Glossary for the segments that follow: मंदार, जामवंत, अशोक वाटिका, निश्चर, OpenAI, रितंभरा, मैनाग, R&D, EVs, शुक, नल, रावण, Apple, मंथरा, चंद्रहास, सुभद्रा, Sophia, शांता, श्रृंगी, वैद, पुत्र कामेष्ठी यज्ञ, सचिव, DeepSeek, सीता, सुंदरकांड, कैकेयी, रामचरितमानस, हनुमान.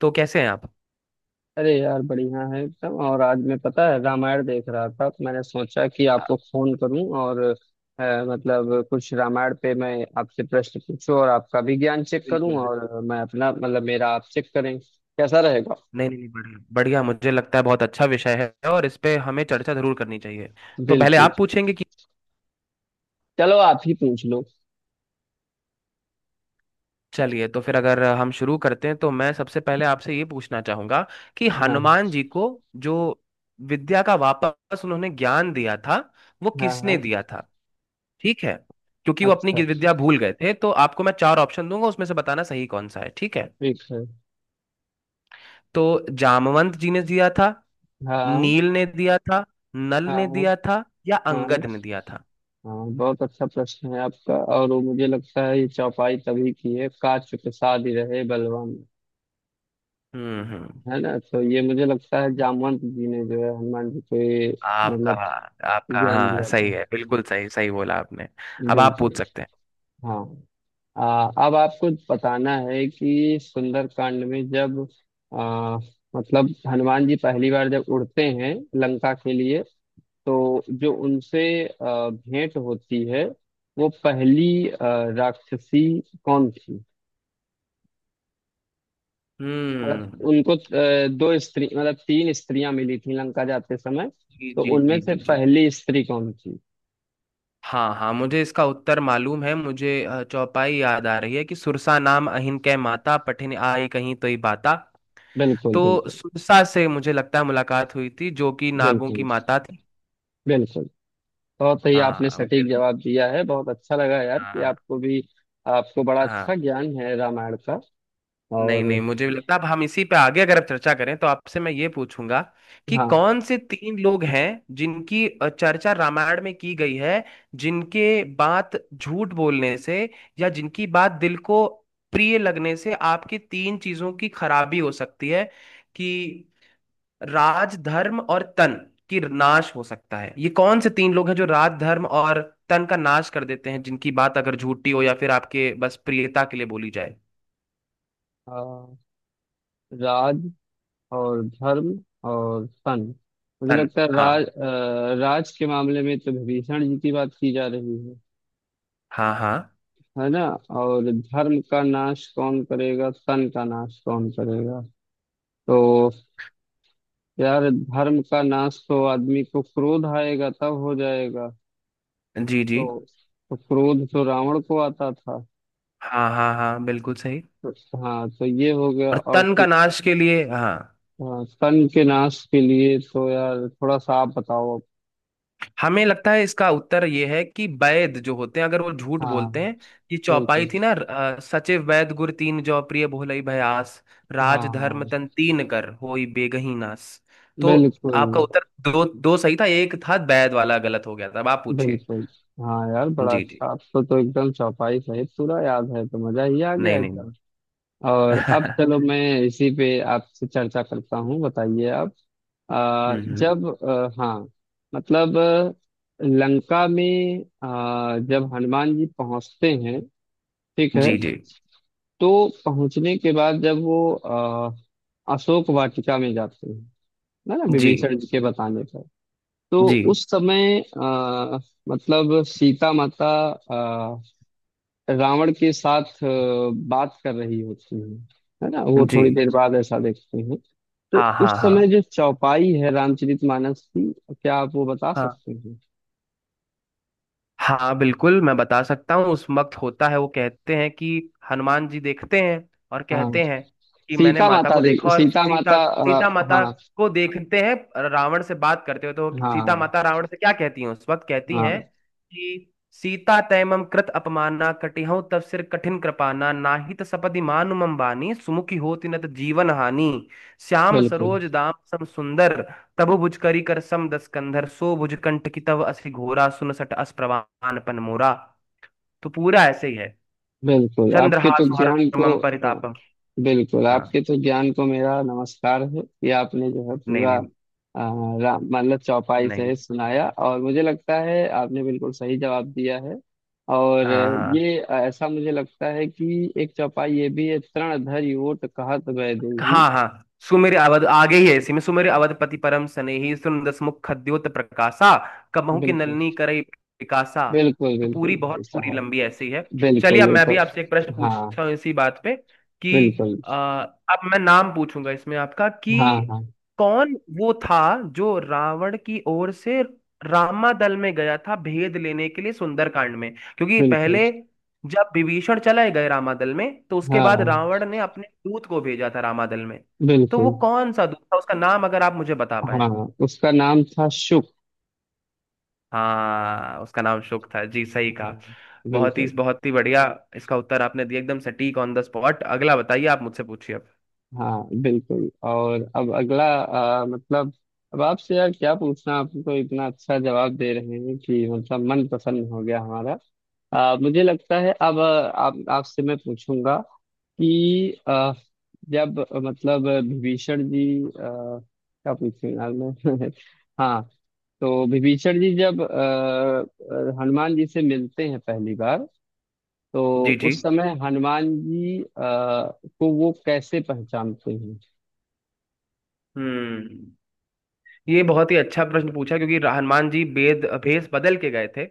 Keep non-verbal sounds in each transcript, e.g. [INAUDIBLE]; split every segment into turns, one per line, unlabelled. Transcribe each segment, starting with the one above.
तो कैसे हैं आप?
अरे यार बढ़िया है एकदम। और आज मैं पता है रामायण देख रहा था तो मैंने सोचा कि
आ,
आपको फोन करूं। और मतलब कुछ रामायण पे मैं आपसे प्रश्न पूछूं और आपका भी ज्ञान चेक
बिल्कुल
करूं,
बिल्कुल।
और मैं अपना मतलब मेरा आप चेक करें, कैसा रहेगा।
नहीं नहीं नहीं, बढ़िया बढ़िया। मुझे लगता है बहुत अच्छा विषय है और इस पे हमें चर्चा जरूर करनी चाहिए। तो पहले
बिल्कुल।
आप पूछेंगे कि
चलो आप ही पूछ लो।
चलिए, तो फिर अगर हम शुरू करते हैं तो मैं सबसे पहले आपसे ये पूछना चाहूंगा कि
हाँ
हनुमान जी को जो विद्या का वापस उन्होंने ज्ञान दिया था, वो
हाँ
किसने
हाँ।
दिया था? ठीक है। क्योंकि वो अपनी
अच्छा,
विद्या भूल गए थे, तो आपको मैं चार ऑप्शन दूंगा, उसमें से बताना सही कौन सा है, ठीक है।
ठीक है।
तो जामवंत जी ने दिया था,
हाँ
नील ने दिया था, नल ने
हाँ हाँ
दिया था या
हाँ।
अंगद ने दिया था?
हाँ, बहुत अच्छा प्रश्न है आपका। और वो मुझे लगता है ये चौपाई तभी की है, काच चुप साध रहे बलवान।
हम्म।
है ना? तो ये मुझे लगता है जामवंत जी ने जो है हनुमान जी को ये
आपका
मतलब
आपका
ज्ञान
हाँ,
दिया था।
सही है। बिल्कुल सही, सही बोला आपने। अब आप पूछ
बिल्कुल।
सकते हैं।
हाँ। अब आपको बताना है कि सुंदरकांड में जब आ, मतलब हनुमान जी पहली बार जब उड़ते हैं लंका के लिए, तो जो उनसे भेंट होती है, वो पहली राक्षसी कौन थी। मतलब
हम्म।
उनको दो स्त्री मतलब तीन स्त्रियां मिली थी लंका जाते समय,
जी
तो
जी
उनमें
जी
से
जी जी।
पहली स्त्री कौन थी।
हाँ हाँ, मुझे इसका उत्तर मालूम है। मुझे चौपाई याद आ रही है कि सुरसा नाम अहिन कै माता पठिन आए कहीं तो ही बाता।
बिल्कुल
तो
बिल्कुल।
सुरसा से मुझे लगता है मुलाकात हुई थी, जो कि नागों की
बिल्कुल
माता थी।
बिल्कुल। बहुत ही आपने
हाँ
सटीक
मुझे।
जवाब दिया है, बहुत अच्छा लगा यार कि
हाँ
आपको भी आपको बड़ा
हाँ।
अच्छा ज्ञान है रामायण का।
नहीं
और
नहीं, मुझे भी लगता है। अब हम इसी पे आगे अगर आप चर्चा करें, तो आपसे मैं ये पूछूंगा कि
हाँ।
कौन से तीन लोग हैं जिनकी चर्चा रामायण में की गई है, जिनके बात झूठ बोलने से या जिनकी बात दिल को प्रिय लगने से आपकी तीन चीजों की खराबी हो सकती है, कि राज, धर्म और तन की नाश हो सकता है। ये कौन से तीन लोग हैं जो राज, धर्म और तन का नाश कर देते हैं, जिनकी बात अगर झूठी हो या फिर आपके बस प्रियता के लिए बोली जाए?
अ, राज और धर्म और सन। मुझे
तन।
लगता है
हाँ।
राज, राज के मामले में तो विभीषण जी की बात की जा रही है
हाँ हाँ।
है ना। और धर्म का नाश कौन करेगा, तन का नाश कौन करेगा। तो यार धर्म का नाश तो आदमी को क्रोध आएगा तब हो जाएगा।
जी जी।
तो, तो क्रोध तो रावण को आता था।
हाँ हाँ हाँ, बिल्कुल सही।
तो, हाँ तो ये हो गया।
और
और
तन का नाश के लिए हाँ।
हाँ, तन के नाश के लिए तो यार थोड़ा सा आप बताओ।
हमें लगता है इसका उत्तर ये है कि वैद जो होते हैं, अगर वो झूठ
हाँ।
बोलते हैं। कि चौपाई
बिल्कुल।
थी ना, सचिव वैद गुर तीन जौ प्रिय भोलई भयास, राज धर्म
हाँ
तन तीन कर होई बेगही नास। तो
बिल्कुल
आपका उत्तर दो दो सही था, एक था वैद वाला गलत हो गया था। अब आप पूछिए।
बिल्कुल। हाँ यार बड़ा
जी जी।
अच्छा। आपको तो एकदम चौपाई सहित पूरा याद है तो मजा ही आ गया
नहीं नहीं।
एकदम। और अब
[LAUGHS]
चलो मैं इसी पे आपसे चर्चा करता हूँ, बताइए आप।
हम्म।
जब मतलब लंका में जब हनुमान जी पहुंचते हैं, ठीक है,
जी जी
तो पहुंचने के बाद जब वो अशोक वाटिका में जाते हैं, है ना,
जी
विभीषण जी के बताने पर। तो
जी
उस समय मतलब सीता माता रावण के साथ बात कर रही होती है ना। वो
जी।
थोड़ी देर बाद ऐसा देखते हैं। तो
हाँ हाँ
उस समय जो चौपाई है रामचरितमानस की, क्या आप वो बता
हाँ
सकते हैं।
हाँ, बिल्कुल मैं बता सकता हूँ। उस वक्त होता है, वो कहते हैं कि हनुमान जी देखते हैं और
हाँ।
कहते हैं कि मैंने
सीता
माता
माता
को
देख,
देखा, और
सीता
सीता
माता
सीता माता
हाँ
को देखते हैं रावण से बात करते हुए। तो सीता
हाँ।
माता रावण से क्या कहती हैं उस वक्त? कहती
हाँ,
हैं कि सीता तैमम कृत अपमाना कटिहउँ तव सिर कठिन कृपाना, नाहि त सपदि मानु मम बानी सुमुखी होति न त जीवन हानि। श्याम
बिल्कुल
सरोज दाम सम सुंदर, तबु भुज करी कर सम दस कंधर, सो भुज कंठ की तव असि घोरा, सुन सट अस प्रवान पन मोरा। तो पूरा ऐसे ही है।
बिल्कुल आपके तो
चंद्रहास हर
ज्ञान को
मम
हाँ,
परितापम।
बिल्कुल
हाँ।
आपके तो ज्ञान को मेरा नमस्कार है कि आपने जो है
नहीं
पूरा
नहीं
अ, मतलब चौपाई
नहीं।
सहित सुनाया, और मुझे लगता है आपने बिल्कुल सही जवाब दिया है। और
हाँ हाँ, हाँ।
ये ऐसा मुझे लगता है कि एक चौपाई ये भी है, तृण धरि ओट कहत वैदेही।
हाँ हाँ। सुमेर अवध आगे ही है, इसी में सुमेर अवधपति परम स्नेही सुंदस मुख खद्योत प्रकाशा कबहू की
बिल्कुल।
नलनी करई पिकासा।
बिल्कुल
तो
बिल्कुल
पूरी बहुत,
भाई
पूरी
साहब।
लंबी ऐसी है। चलिए,
बिल्कुल
अब
ये
मैं
तो।
भी आपसे एक प्रश्न
हाँ
पूछता हूँ इसी बात पे कि
बिल्कुल।
अब मैं नाम पूछूंगा इसमें आपका,
हाँ
कि
हाँ।
कौन वो था जो रावण की ओर से रामादल में गया था भेद लेने के लिए सुंदरकांड में, क्योंकि
बिल्कुल।
पहले जब विभीषण चले गए रामादल में तो उसके बाद
हाँ
रावण ने अपने दूत को भेजा था रामादल में। तो
बिल्कुल।
वो कौन सा दूत था, उसका नाम अगर आप मुझे बता
हाँ,
पाए।
उसका नाम था शुक।
हाँ, उसका नाम शुक था जी, सही कहा।
हाँ।
बहुत ही,
बिल्कुल।
बहुत ही बढ़िया। इसका उत्तर आपने दिया एकदम सटीक, ऑन द स्पॉट। अगला बताइए, आप मुझसे पूछिए अब।
हाँ बिल्कुल। और अब अगला मतलब अब आपसे यार क्या पूछना, आपको इतना अच्छा जवाब दे रहे हैं कि मतलब मन प्रसन्न हो गया हमारा। मुझे लगता है अब आप आपसे मैं पूछूंगा कि जब मतलब विभीषण जी क्या पूछूं यार मैं। [LAUGHS] हाँ, तो विभीषण जी जब हनुमान जी से मिलते हैं पहली बार, तो
जी जी।
उस समय हनुमान जी को वो कैसे पहचानते हैं।
हम्म। ये बहुत ही अच्छा प्रश्न पूछा, क्योंकि हनुमान जी वेद भेष बदल के गए थे।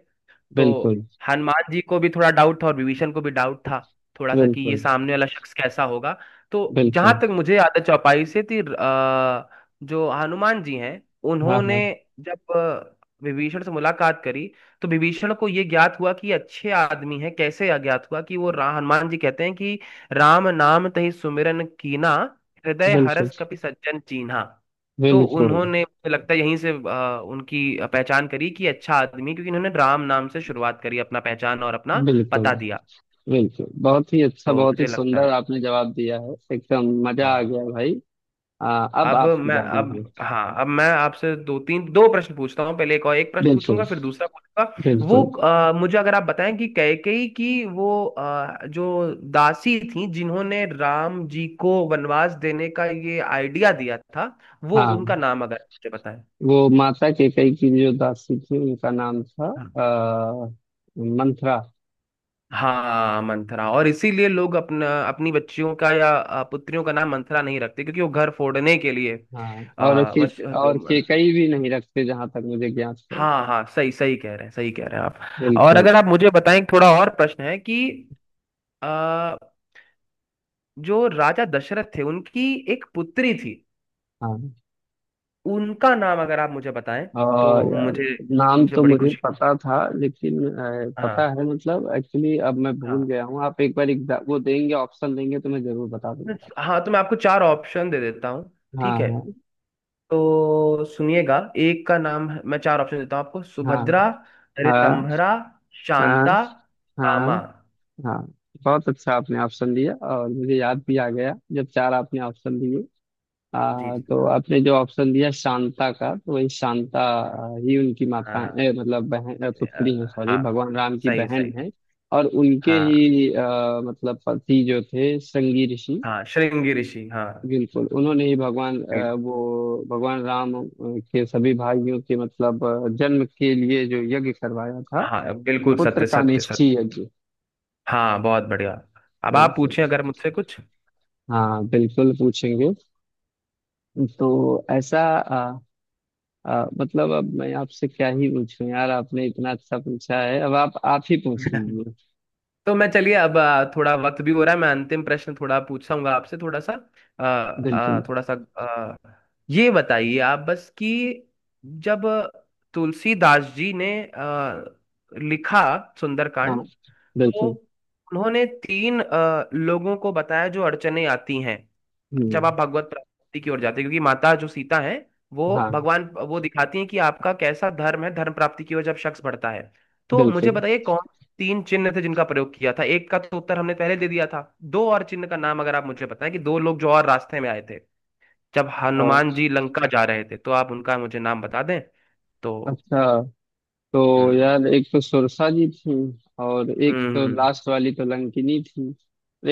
तो
बिल्कुल,
हनुमान जी को भी थोड़ा डाउट था और विभीषण को भी डाउट था थोड़ा सा, कि ये
बिल्कुल,
सामने वाला शख्स कैसा होगा। तो जहां
बिल्कुल।
तक मुझे याद है, चौपाई से थी। जो हनुमान जी हैं
हाँ,
उन्होंने
हाँ।
जब विभीषण से मुलाकात करी, तो विभीषण को ये ज्ञात हुआ कि ये अच्छे आदमी हैं। कैसे ज्ञात हुआ कि वो, हनुमान जी कहते हैं कि राम नाम तहि सुमिरन कीना, हृदय
बिल्कुल,
हरस कपि सज्जन चीन्हा। तो
बिल्कुल,
उन्होंने मुझे लगता है यहीं से उनकी पहचान करी कि अच्छा आदमी, क्योंकि इन्होंने राम नाम से शुरुआत करी, अपना पहचान और अपना
बिल्कुल,
पता दिया।
बिल्कुल। बहुत ही अच्छा,
तो
बहुत ही
मुझे लगता
सुंदर
है।
आपने जवाब दिया है। एकदम मजा आ
हाँ।
गया भाई। अब
अब
आपकी
मैं
बारी
अब
है।
हाँ, अब मैं आपसे दो तीन दो प्रश्न पूछता हूँ, पहले एक, और एक प्रश्न
बिल्कुल,
पूछूंगा फिर दूसरा पूछूंगा। वो
बिल्कुल।
मुझे अगर आप बताएं कि कैकेयी की वो जो दासी थी जिन्होंने राम जी को वनवास देने का ये आइडिया दिया था, वो उनका
हाँ,
नाम अगर मुझे बताएं।
वो माता कैकेयी की जो दासी थी उनका नाम था
हाँ।
आ, मंथरा।
हाँ, मंथरा। और इसीलिए लोग अपना अपनी बच्चियों का या पुत्रियों का नाम मंथरा नहीं रखते, क्योंकि वो घर फोड़ने के लिए
हाँ,
आ, मच,
और केकई भी नहीं रखते जहां तक मुझे ज्ञात है।
हाँ हाँ, सही सही कह रहे हैं, सही कह रहे हैं आप। और
बिल्कुल,
अगर आप मुझे बताएं, थोड़ा और प्रश्न है कि आ, जो राजा दशरथ थे, उनकी एक पुत्री थी,
हाँ।
उनका नाम अगर आप मुझे बताएं
और
तो
यार
मुझे
नाम
मुझे
तो
बड़ी
मुझे
खुशी।
पता था, लेकिन
हाँ
पता है मतलब एक्चुअली अब मैं भूल
हाँ
गया हूँ। आप एक बार एग्जाम वो देंगे, ऑप्शन देंगे तो मैं जरूर बता दूंगा।
हाँ, तो मैं आपको चार ऑप्शन दे देता हूँ,
हाँ
ठीक है?
हाँ
तो सुनिएगा, एक का नाम है, मैं चार ऑप्शन देता हूँ आपको:
हाँ
सुभद्रा,
हाँ
रितंभरा,
हाँ
शांता,
हाँ
रामा।
हाँ। बहुत अच्छा आपने ऑप्शन दिया, और मुझे याद भी आ गया जब चार आपने ऑप्शन दिए।
जी जी,
तो आपने जो ऑप्शन दिया शांता का, तो वही शांता
हाँ
ही उनकी माता
हाँ,
मतलब बहन पुत्री है, सॉरी,
हाँ,
भगवान राम की
सही
बहन
सही।
है। और उनके
हाँ
ही मतलब पति जो थे, श्रृंगी ऋषि।
हाँ, श्रृंगी ऋषि, हाँ।
बिल्कुल, उन्होंने ही भगवान
बिल्कुल,
वो भगवान राम के सभी भाइयों के मतलब जन्म के लिए जो यज्ञ करवाया था,
हाँ बिल्कुल,
पुत्र
सत्य सत्य
कामेष्ठी
सत्य।
यज्ञ।
हाँ, बहुत बढ़िया। अब आप
बिल्कुल।
पूछें अगर मुझसे कुछ।
हाँ बिल्कुल पूछेंगे। तो ऐसा मतलब अब मैं आपसे क्या ही पूछूं यार, आपने इतना अच्छा पूछा है, अब आप ही पूछ
[LAUGHS]
लीजिए।
तो मैं चलिए, अब थोड़ा वक्त भी हो रहा है, मैं अंतिम प्रश्न थोड़ा पूछूंगा आपसे, थोड़ा सा अ,
बिल्कुल।
अ, थोड़ा सा अ, ये बताइए आप, बस कि जब तुलसीदास जी ने लिखा
हाँ
सुंदरकांड, तो
बिल्कुल।
उन्होंने तीन लोगों को बताया जो अड़चने आती हैं जब
हम्म।
आप भगवत प्राप्ति की ओर जाते हैं। क्योंकि माता जो सीता है, वो
हाँ
भगवान वो दिखाती है कि आपका कैसा धर्म है, धर्म प्राप्ति की ओर जब शख्स बढ़ता है। तो मुझे
बिल्कुल।
बताइए कौन तीन चिन्ह थे जिनका प्रयोग किया था? एक का तो उत्तर हमने पहले दे दिया था, दो और चिन्ह का नाम अगर आप मुझे बताएं, कि दो लोग जो और रास्ते में आए थे जब
और
हनुमान जी लंका जा रहे थे, तो आप उनका मुझे नाम बता दें तो।
अच्छा, तो
हम्म
यार एक तो सुरसा जी थी, और एक
हम्म
तो
हम्म
लास्ट वाली तो लंकिनी थी।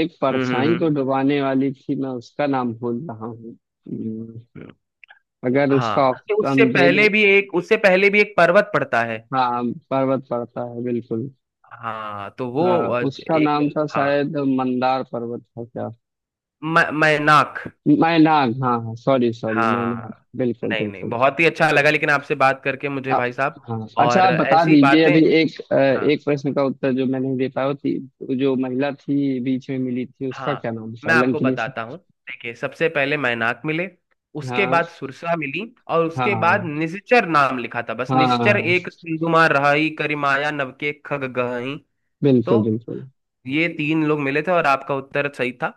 एक
हम्म
परछाई को
हम्म,
डुबाने वाली थी, मैं उसका नाम भूल रहा हूँ।
हम्म।
अगर उसका
हाँ, कि
ऑप्शन दे दे।
उससे पहले भी एक पर्वत पड़ता है।
हाँ, पर्वत पड़ता है बिल्कुल।
हाँ, तो वो अ,
उसका
एक,
नाम था
हाँ,
शायद मंदार पर्वत था क्या।
मैनाक।
मैनाग, हाँ हाँ, सॉरी सॉरी, मैनाग,
हाँ,
बिल्कुल
नहीं नहीं,
बिल्कुल।
बहुत ही अच्छा लगा लेकिन आपसे बात करके मुझे,
आ,
भाई साहब,
हाँ, अच्छा
और
आप बता
ऐसी
दीजिए
बातें।
अभी एक
हाँ
एक प्रश्न का उत्तर जो मैं नहीं दे पाया, वो थी जो महिला थी बीच में मिली थी, उसका क्या
हाँ,
नाम था
मैं आपको
लंकिनी से।
बताता हूँ। देखिए, सबसे पहले मैनाक मिले, उसके
हाँ।
बाद सुरसा मिली, और उसके बाद
हाँ
निश्चर नाम लिखा था बस, निश्चर
हाँ।
एक सिंधुमा रहाई करिमाया नवके खग गहई। तो
बिल्कुल बिल्कुल।
ये तीन लोग मिले थे और आपका उत्तर सही था।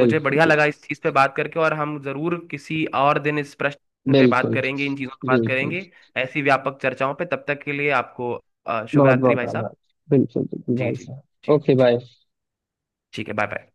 मुझे बढ़िया लगा इस चीज पे बात करके, और हम जरूर किसी और दिन इस प्रश्न पे बात
बिल्कुल।
करेंगे, इन चीजों पे
बिल्कुल
बात
बिल्कुल।
करेंगे, ऐसी व्यापक चर्चाओं पे। तब तक के लिए आपको शुभ
बहुत
रात्रि
बहुत
भाई साहब।
आभार। बिल्कुल बिल्कुल
जी
भाई
जी
साहब,
जी
ओके,
जी,
बाय।
ठीक है, बाय बाय।